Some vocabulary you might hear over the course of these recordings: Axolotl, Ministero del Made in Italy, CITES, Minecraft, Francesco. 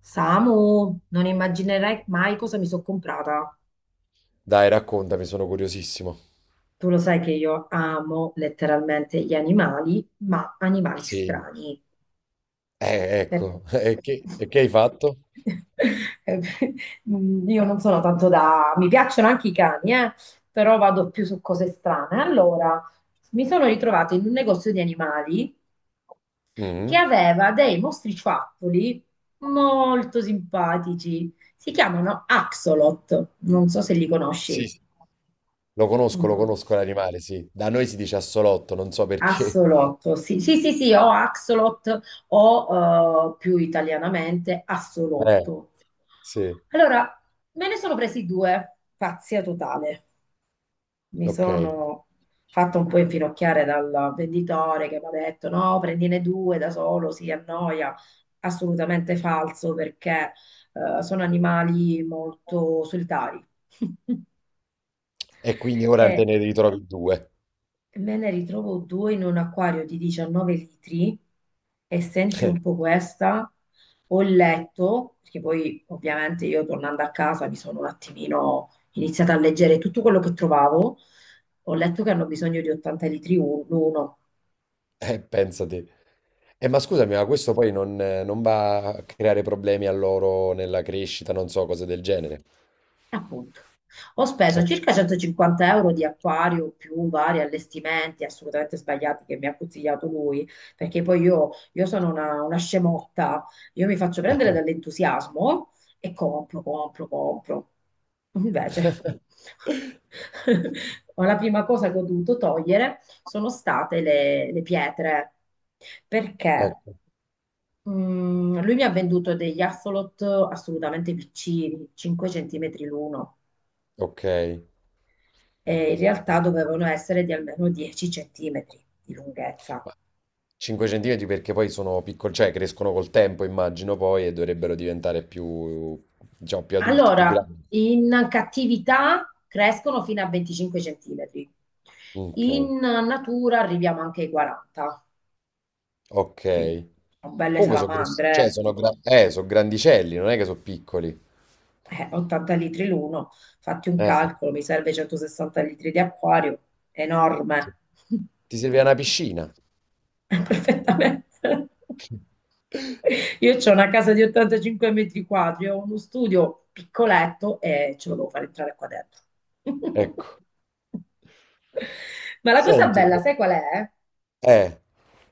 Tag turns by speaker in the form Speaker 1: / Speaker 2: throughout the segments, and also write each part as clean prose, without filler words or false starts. Speaker 1: Samu, non immaginerai mai cosa mi sono comprata.
Speaker 2: Dai, raccontami, sono curiosissimo.
Speaker 1: Tu lo sai che io amo letteralmente gli animali, ma animali
Speaker 2: Sì.
Speaker 1: strani. Per-
Speaker 2: Ecco. E che, e che hai fatto?
Speaker 1: Io non sono tanto da. Mi piacciono anche i cani, però vado più su cose strane. Allora, mi sono ritrovata in un negozio di animali che
Speaker 2: Mhm.
Speaker 1: aveva dei mostriciattoli molto simpatici. Si chiamano Axolot, non so se li
Speaker 2: Sì,
Speaker 1: conosci.
Speaker 2: sì. Lo
Speaker 1: Mm,
Speaker 2: conosco l'animale, sì. Da noi si dice assolotto, non so perché.
Speaker 1: Axolotl, sì, sì, sì, sì, o Axolot o più italianamente
Speaker 2: Eh,
Speaker 1: Assolotto.
Speaker 2: sì,
Speaker 1: Allora, me ne sono presi due, pazzia totale. Mi
Speaker 2: ok.
Speaker 1: sono fatta un po' infinocchiare dal venditore che mi ha detto no, prendine due da solo, si annoia. Assolutamente falso perché sono animali molto solitari.
Speaker 2: E quindi ora te
Speaker 1: E
Speaker 2: ne ritrovi due.
Speaker 1: Me ne ritrovo due in un acquario di 19 litri e senti un po' questa. Ho letto, perché poi ovviamente io tornando a casa mi sono un attimino iniziata a leggere tutto quello che trovavo. Ho letto che hanno bisogno di 80 litri uno.
Speaker 2: Pensate. Ma scusami, ma questo poi non va a creare problemi a loro nella crescita, non so, cose del genere.
Speaker 1: Appunto, ho speso
Speaker 2: Ecco.
Speaker 1: circa 150 euro di acquario più vari allestimenti assolutamente sbagliati che mi ha consigliato lui, perché poi io sono una scemotta, io mi faccio prendere dall'entusiasmo e compro, compro, compro. Invece, la prima cosa che ho dovuto togliere sono state le pietre, perché
Speaker 2: Ecco,
Speaker 1: lui mi ha venduto degli axolot assolutamente piccini, 5 centimetri l'uno.
Speaker 2: ok.
Speaker 1: E in realtà dovevano essere di almeno 10 centimetri di lunghezza.
Speaker 2: Ma 5 centimetri perché poi sono piccoli, cioè crescono col tempo, immagino poi, e dovrebbero diventare più, diciamo, più adulti, più
Speaker 1: Allora,
Speaker 2: grandi.
Speaker 1: in cattività crescono fino a 25 centimetri,
Speaker 2: Ok,
Speaker 1: in natura arriviamo anche ai 40,
Speaker 2: ok.
Speaker 1: quindi sono belle
Speaker 2: Comunque sono grossi, cioè
Speaker 1: salamandre.
Speaker 2: sono grandicelli, non è che sono piccoli.
Speaker 1: 80 litri l'uno, fatti un
Speaker 2: Eh.
Speaker 1: calcolo, mi serve 160 litri di acquario,
Speaker 2: Sì.
Speaker 1: enorme.
Speaker 2: Ti serve una piscina.
Speaker 1: Perfettamente. Io ho una casa di 85 metri quadri, ho uno studio piccoletto e ce lo devo fare entrare qua dentro.
Speaker 2: Ecco.
Speaker 1: Ma la cosa
Speaker 2: Senti.
Speaker 1: bella, sai qual è?
Speaker 2: Eh, eh,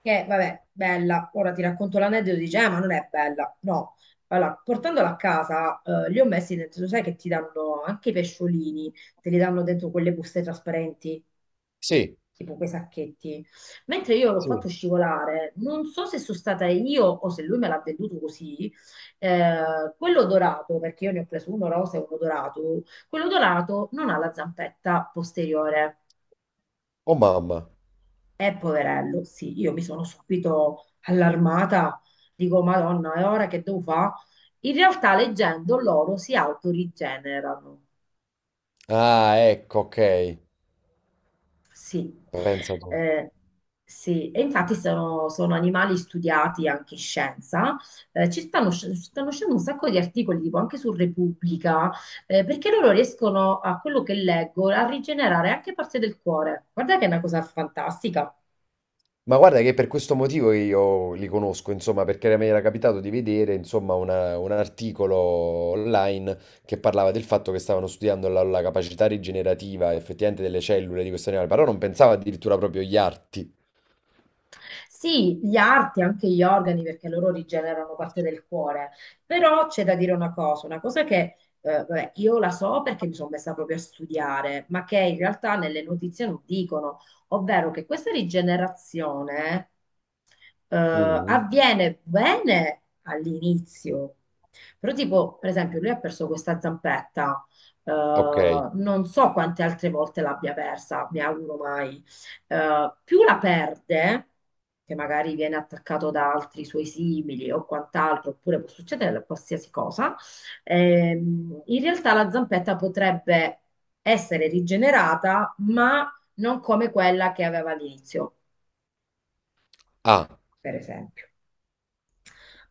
Speaker 1: Che, vabbè, bella, ora ti racconto l'aneddoto, dice, ma non è bella. No, allora, portandola a casa, li ho messi dentro, sai che ti danno anche i pesciolini, te li danno dentro quelle buste trasparenti,
Speaker 2: sì,
Speaker 1: tipo quei sacchetti. Mentre io l'ho fatto
Speaker 2: sì.
Speaker 1: scivolare, non so se sono stata io o se lui me l'ha venduto così, quello dorato, perché io ne ho preso uno rosa e uno dorato, quello dorato non ha la zampetta posteriore.
Speaker 2: Oh mamma.
Speaker 1: È poverello, sì, io mi sono subito allarmata, dico, Madonna, e ora che devo fare? In realtà leggendo loro si autorigenerano.
Speaker 2: Ah, ecco, ok.
Speaker 1: Sì,
Speaker 2: Pensa tu.
Speaker 1: eh, sì. E infatti sono animali studiati anche in scienza. Stanno uscendo un sacco di articoli, tipo anche su Repubblica, perché loro riescono, a quello che leggo, a rigenerare anche parte del cuore. Guarda che è una cosa fantastica.
Speaker 2: Ma guarda che è per questo motivo che io li conosco, insomma, perché mi era capitato di vedere, insomma, un articolo online che parlava del fatto che stavano studiando la capacità rigenerativa effettivamente delle cellule di questo animale, però non pensavo addirittura proprio agli arti.
Speaker 1: Sì, gli arti, anche gli organi, perché loro rigenerano parte del cuore. Però c'è da dire una cosa che vabbè, io la so perché mi sono messa proprio a studiare, ma che in realtà nelle notizie non dicono, ovvero che questa rigenerazione eh,
Speaker 2: Mm,
Speaker 1: avviene bene all'inizio. Però tipo, per esempio, lui ha perso questa zampetta, eh,
Speaker 2: ok.
Speaker 1: non so quante altre volte l'abbia persa, mi auguro mai più la perde, che magari viene attaccato da altri suoi simili o quant'altro, oppure può succedere qualsiasi cosa, in realtà la zampetta potrebbe essere rigenerata, ma non come quella che aveva all'inizio,
Speaker 2: Ah.
Speaker 1: per esempio.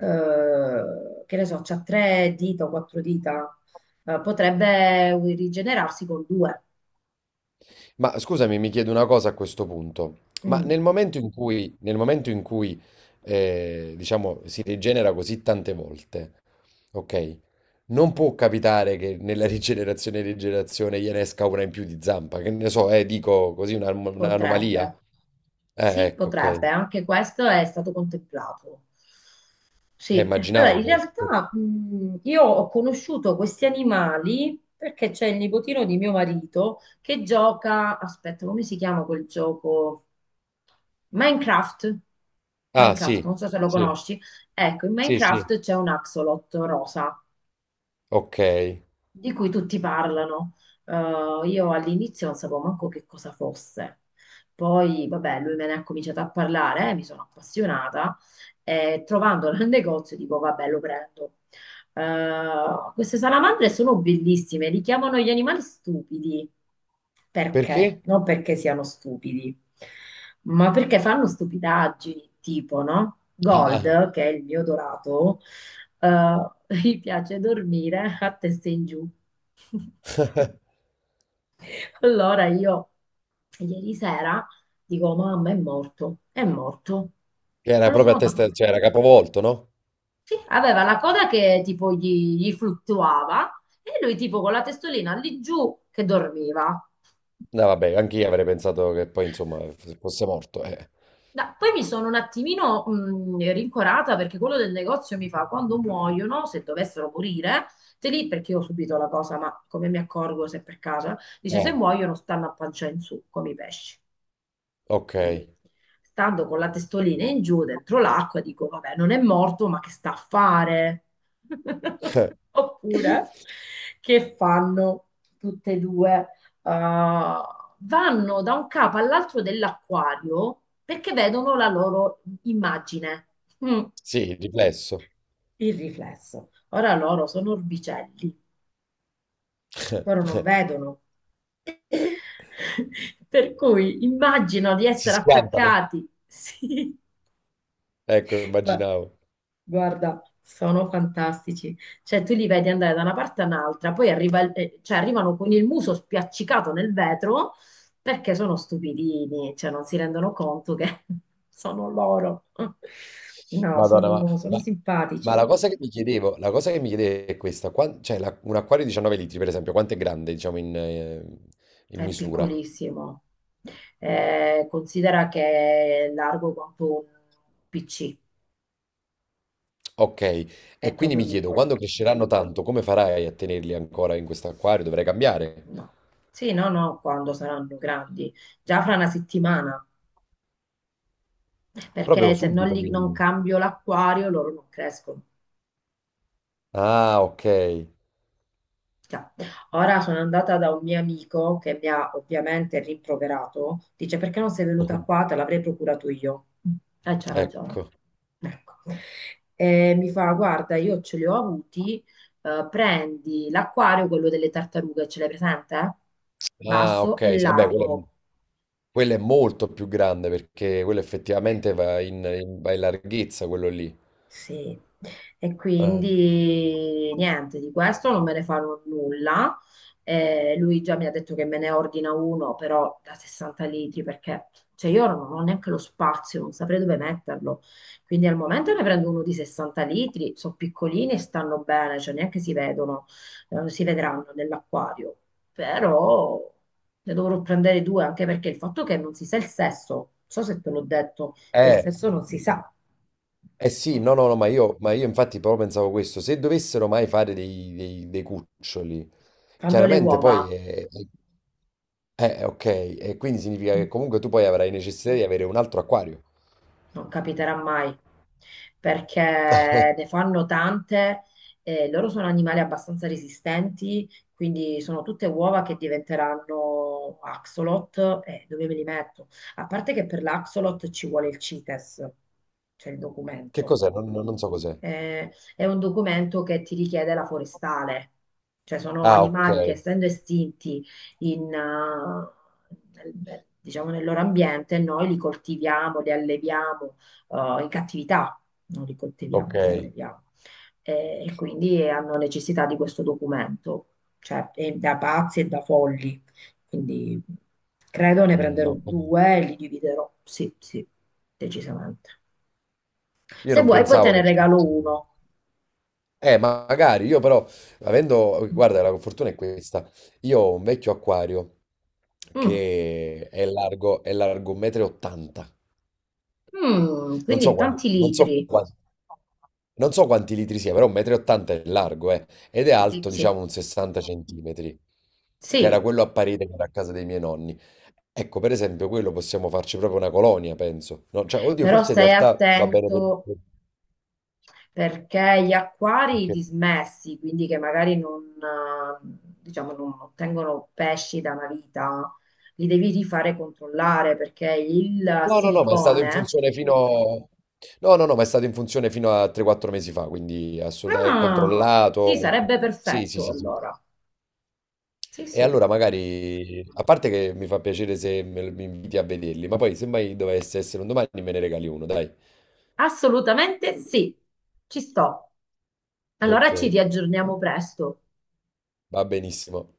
Speaker 1: Che ne so, c'ha tre dita o quattro dita, potrebbe rigenerarsi con due.
Speaker 2: Ma scusami, mi chiedo una cosa a questo punto. Ma
Speaker 1: Mm,
Speaker 2: nel momento in cui diciamo, si rigenera così tante volte, ok? Non può capitare che nella rigenerazione e rigenerazione gliene esca una in più di zampa, che ne so, dico così, un'anomalia.
Speaker 1: potrebbe. Sì,
Speaker 2: Ecco, ok.
Speaker 1: potrebbe, anche questo è stato contemplato. Sì, allora
Speaker 2: Immaginavo
Speaker 1: in
Speaker 2: che...
Speaker 1: realtà io ho conosciuto questi animali perché c'è il nipotino di mio marito che gioca, aspetta, come si chiama quel gioco? Minecraft.
Speaker 2: Ah,
Speaker 1: Minecraft,
Speaker 2: sì,
Speaker 1: non so se lo
Speaker 2: sì,
Speaker 1: conosci. Ecco, in
Speaker 2: sì, sì.
Speaker 1: Minecraft c'è un axolot rosa
Speaker 2: Ok.
Speaker 1: di cui tutti parlano. Io all'inizio non sapevo manco che cosa fosse. Poi, vabbè, lui me ne ha cominciato a parlare, mi sono appassionata e trovandola nel negozio dico, vabbè, lo prendo. Queste salamandre sono bellissime, li chiamano gli animali stupidi. Perché?
Speaker 2: Perché?
Speaker 1: Non perché siano stupidi, ma perché fanno stupidaggini, tipo, no?
Speaker 2: Ah.
Speaker 1: Gold, che è il mio dorato, eh, gli piace dormire a testa in giù. Allora io ieri sera dico, mamma è morto, è morto.
Speaker 2: Che
Speaker 1: Ma
Speaker 2: era
Speaker 1: lo
Speaker 2: proprio
Speaker 1: sono
Speaker 2: a testa,
Speaker 1: notato.
Speaker 2: cioè era capovolto, no?
Speaker 1: Sì, aveva la coda che tipo gli fluttuava e lui tipo con la testolina lì giù che dormiva.
Speaker 2: No, vabbè, anche io avrei pensato che poi, insomma, fosse morto.
Speaker 1: Poi mi sono un attimino rincorata perché quello del negozio mi fa quando muoiono, se dovessero morire, te li, perché io ho subito la cosa, ma come mi accorgo se per caso, dice se
Speaker 2: Eh,
Speaker 1: muoiono stanno a pancia in su come i pesci.
Speaker 2: ok.
Speaker 1: Quindi, stando con la testolina in giù dentro l'acqua, dico, vabbè, non è morto, ma che sta a fare? Oppure, che fanno tutte e due? Uh, vanno da un capo all'altro dell'acquario perché vedono la loro immagine, Mm,
Speaker 2: Sì, il riflesso.
Speaker 1: il riflesso. Ora loro sono orbicelli, loro non vedono. Per cui immagino di
Speaker 2: Si
Speaker 1: essere
Speaker 2: schiantano.
Speaker 1: attaccati. Sì,
Speaker 2: Ecco,
Speaker 1: Beh,
Speaker 2: immaginavo.
Speaker 1: guarda, sono fantastici. Cioè, tu li vedi andare da una parte all'altra, poi cioè, arrivano con il muso spiaccicato nel vetro perché sono stupidini, cioè non si rendono conto che sono loro. No,
Speaker 2: Madonna, ma,
Speaker 1: sono
Speaker 2: ma- ma
Speaker 1: simpatici.
Speaker 2: la cosa che mi chiedevo, la cosa che mi chiedevo è questa. Cioè, un acquario di 19 litri, per esempio, quanto è grande, diciamo, in
Speaker 1: È
Speaker 2: misura?
Speaker 1: piccolissimo. Considera che è largo quanto un PC,
Speaker 2: Ok.
Speaker 1: è
Speaker 2: E quindi
Speaker 1: proprio
Speaker 2: mi chiedo,
Speaker 1: piccolo.
Speaker 2: quando cresceranno tanto, come farai a tenerli ancora in questo acquario? Dovrai cambiare.
Speaker 1: No. Sì, no, no, quando saranno grandi. Già fra una settimana.
Speaker 2: Proprio
Speaker 1: Perché se non,
Speaker 2: subito,
Speaker 1: li- non
Speaker 2: quindi.
Speaker 1: cambio l'acquario loro non crescono.
Speaker 2: Ah, ok.
Speaker 1: Cioè, ora sono andata da un mio amico che mi ha ovviamente rimproverato, dice perché non sei venuta qua, te l'avrei procurato io. E c'ha ragione.
Speaker 2: Ecco.
Speaker 1: Ecco. E mi fa, guarda, io ce li ho avuti, prendi l'acquario, quello delle tartarughe, ce l'hai presente?
Speaker 2: Ah,
Speaker 1: Basso
Speaker 2: ok,
Speaker 1: e
Speaker 2: sì, eh beh, quello è,
Speaker 1: largo.
Speaker 2: quello è molto più grande perché quello effettivamente va in larghezza, quello lì.
Speaker 1: Sì, e
Speaker 2: Eh,
Speaker 1: quindi niente, di questo non me ne farò nulla. Lui già mi ha detto che me ne ordina uno, però da 60 litri, perché cioè, io non ho neanche lo spazio, non saprei dove metterlo. Quindi al momento ne prendo uno di 60 litri, sono piccolini e stanno bene, cioè neanche si vedono, si vedranno nell'acquario. Però ne dovrò prendere due, anche perché il fatto che non si sa il sesso, non so se te l'ho detto che il
Speaker 2: eh
Speaker 1: sesso non si sa.
Speaker 2: sì, no, no, no, ma io, infatti proprio pensavo questo, se dovessero mai fare dei cuccioli,
Speaker 1: Fanno le
Speaker 2: chiaramente poi
Speaker 1: uova,
Speaker 2: ok, e quindi significa che comunque tu poi avrai necessità di avere un altro acquario.
Speaker 1: non capiterà mai, perché ne fanno tante e loro sono animali abbastanza resistenti, quindi sono tutte uova che diventeranno axolot e dove me li metto? A parte che per l'axolot ci vuole il CITES, cioè il
Speaker 2: Che
Speaker 1: documento.
Speaker 2: cos'è? Non so cos'è.
Speaker 1: È un documento che ti richiede la forestale, cioè sono
Speaker 2: Ah, ok,
Speaker 1: animali che essendo estinti in, eh, diciamo nel loro ambiente, noi li coltiviamo, li alleviamo, in cattività, non li
Speaker 2: ok.
Speaker 1: coltiviamo, li alleviamo. E quindi hanno necessità di questo documento, cioè è da pazzi e da folli. Quindi credo ne
Speaker 2: Mm,
Speaker 1: prenderò
Speaker 2: no.
Speaker 1: due e li dividerò, sì, sì, decisamente.
Speaker 2: Io
Speaker 1: Se
Speaker 2: non
Speaker 1: vuoi poi te
Speaker 2: pensavo
Speaker 1: ne
Speaker 2: che ci
Speaker 1: regalo
Speaker 2: fosse.
Speaker 1: uno.
Speaker 2: Ma magari io però, avendo,
Speaker 1: Mm.
Speaker 2: guarda, la fortuna è questa. Io ho un vecchio acquario che è largo 1,80 m.
Speaker 1: Mm,
Speaker 2: Non
Speaker 1: quindi
Speaker 2: so quanti,
Speaker 1: tanti
Speaker 2: non so
Speaker 1: litri.
Speaker 2: quanti, non so quanti litri sia, però 1,80 m è largo, eh. Ed è
Speaker 1: Sì,
Speaker 2: alto, diciamo,
Speaker 1: sì,
Speaker 2: un 60 centimetri, che era
Speaker 1: sì,
Speaker 2: quello a parete che era a casa dei miei nonni. Ecco, per esempio, quello possiamo farci proprio una colonia, penso. No, cioè, oddio,
Speaker 1: però
Speaker 2: forse in
Speaker 1: stai
Speaker 2: realtà va bene per...
Speaker 1: attento perché gli acquari
Speaker 2: perché-
Speaker 1: dismessi, quindi che magari non, diciamo, non ottengono pesci da una vita, li devi rifare controllare perché il
Speaker 2: No, no, no, ma è stato in
Speaker 1: silicone.
Speaker 2: funzione fino... No, no, no, ma è stato in funzione fino a 3-4 mesi fa, quindi assolutamente è
Speaker 1: Ah, sì,
Speaker 2: controllato.
Speaker 1: sarebbe
Speaker 2: Sì, sì,
Speaker 1: perfetto
Speaker 2: sì, sì.
Speaker 1: allora. Sì,
Speaker 2: E
Speaker 1: sì.
Speaker 2: allora magari, a parte che mi fa piacere se mi inviti a vederli, ma poi se mai dovesse essere un domani me ne regali uno, dai.
Speaker 1: Assolutamente sì, ci sto. Allora
Speaker 2: Ok,
Speaker 1: ci riaggiorniamo presto.
Speaker 2: va benissimo.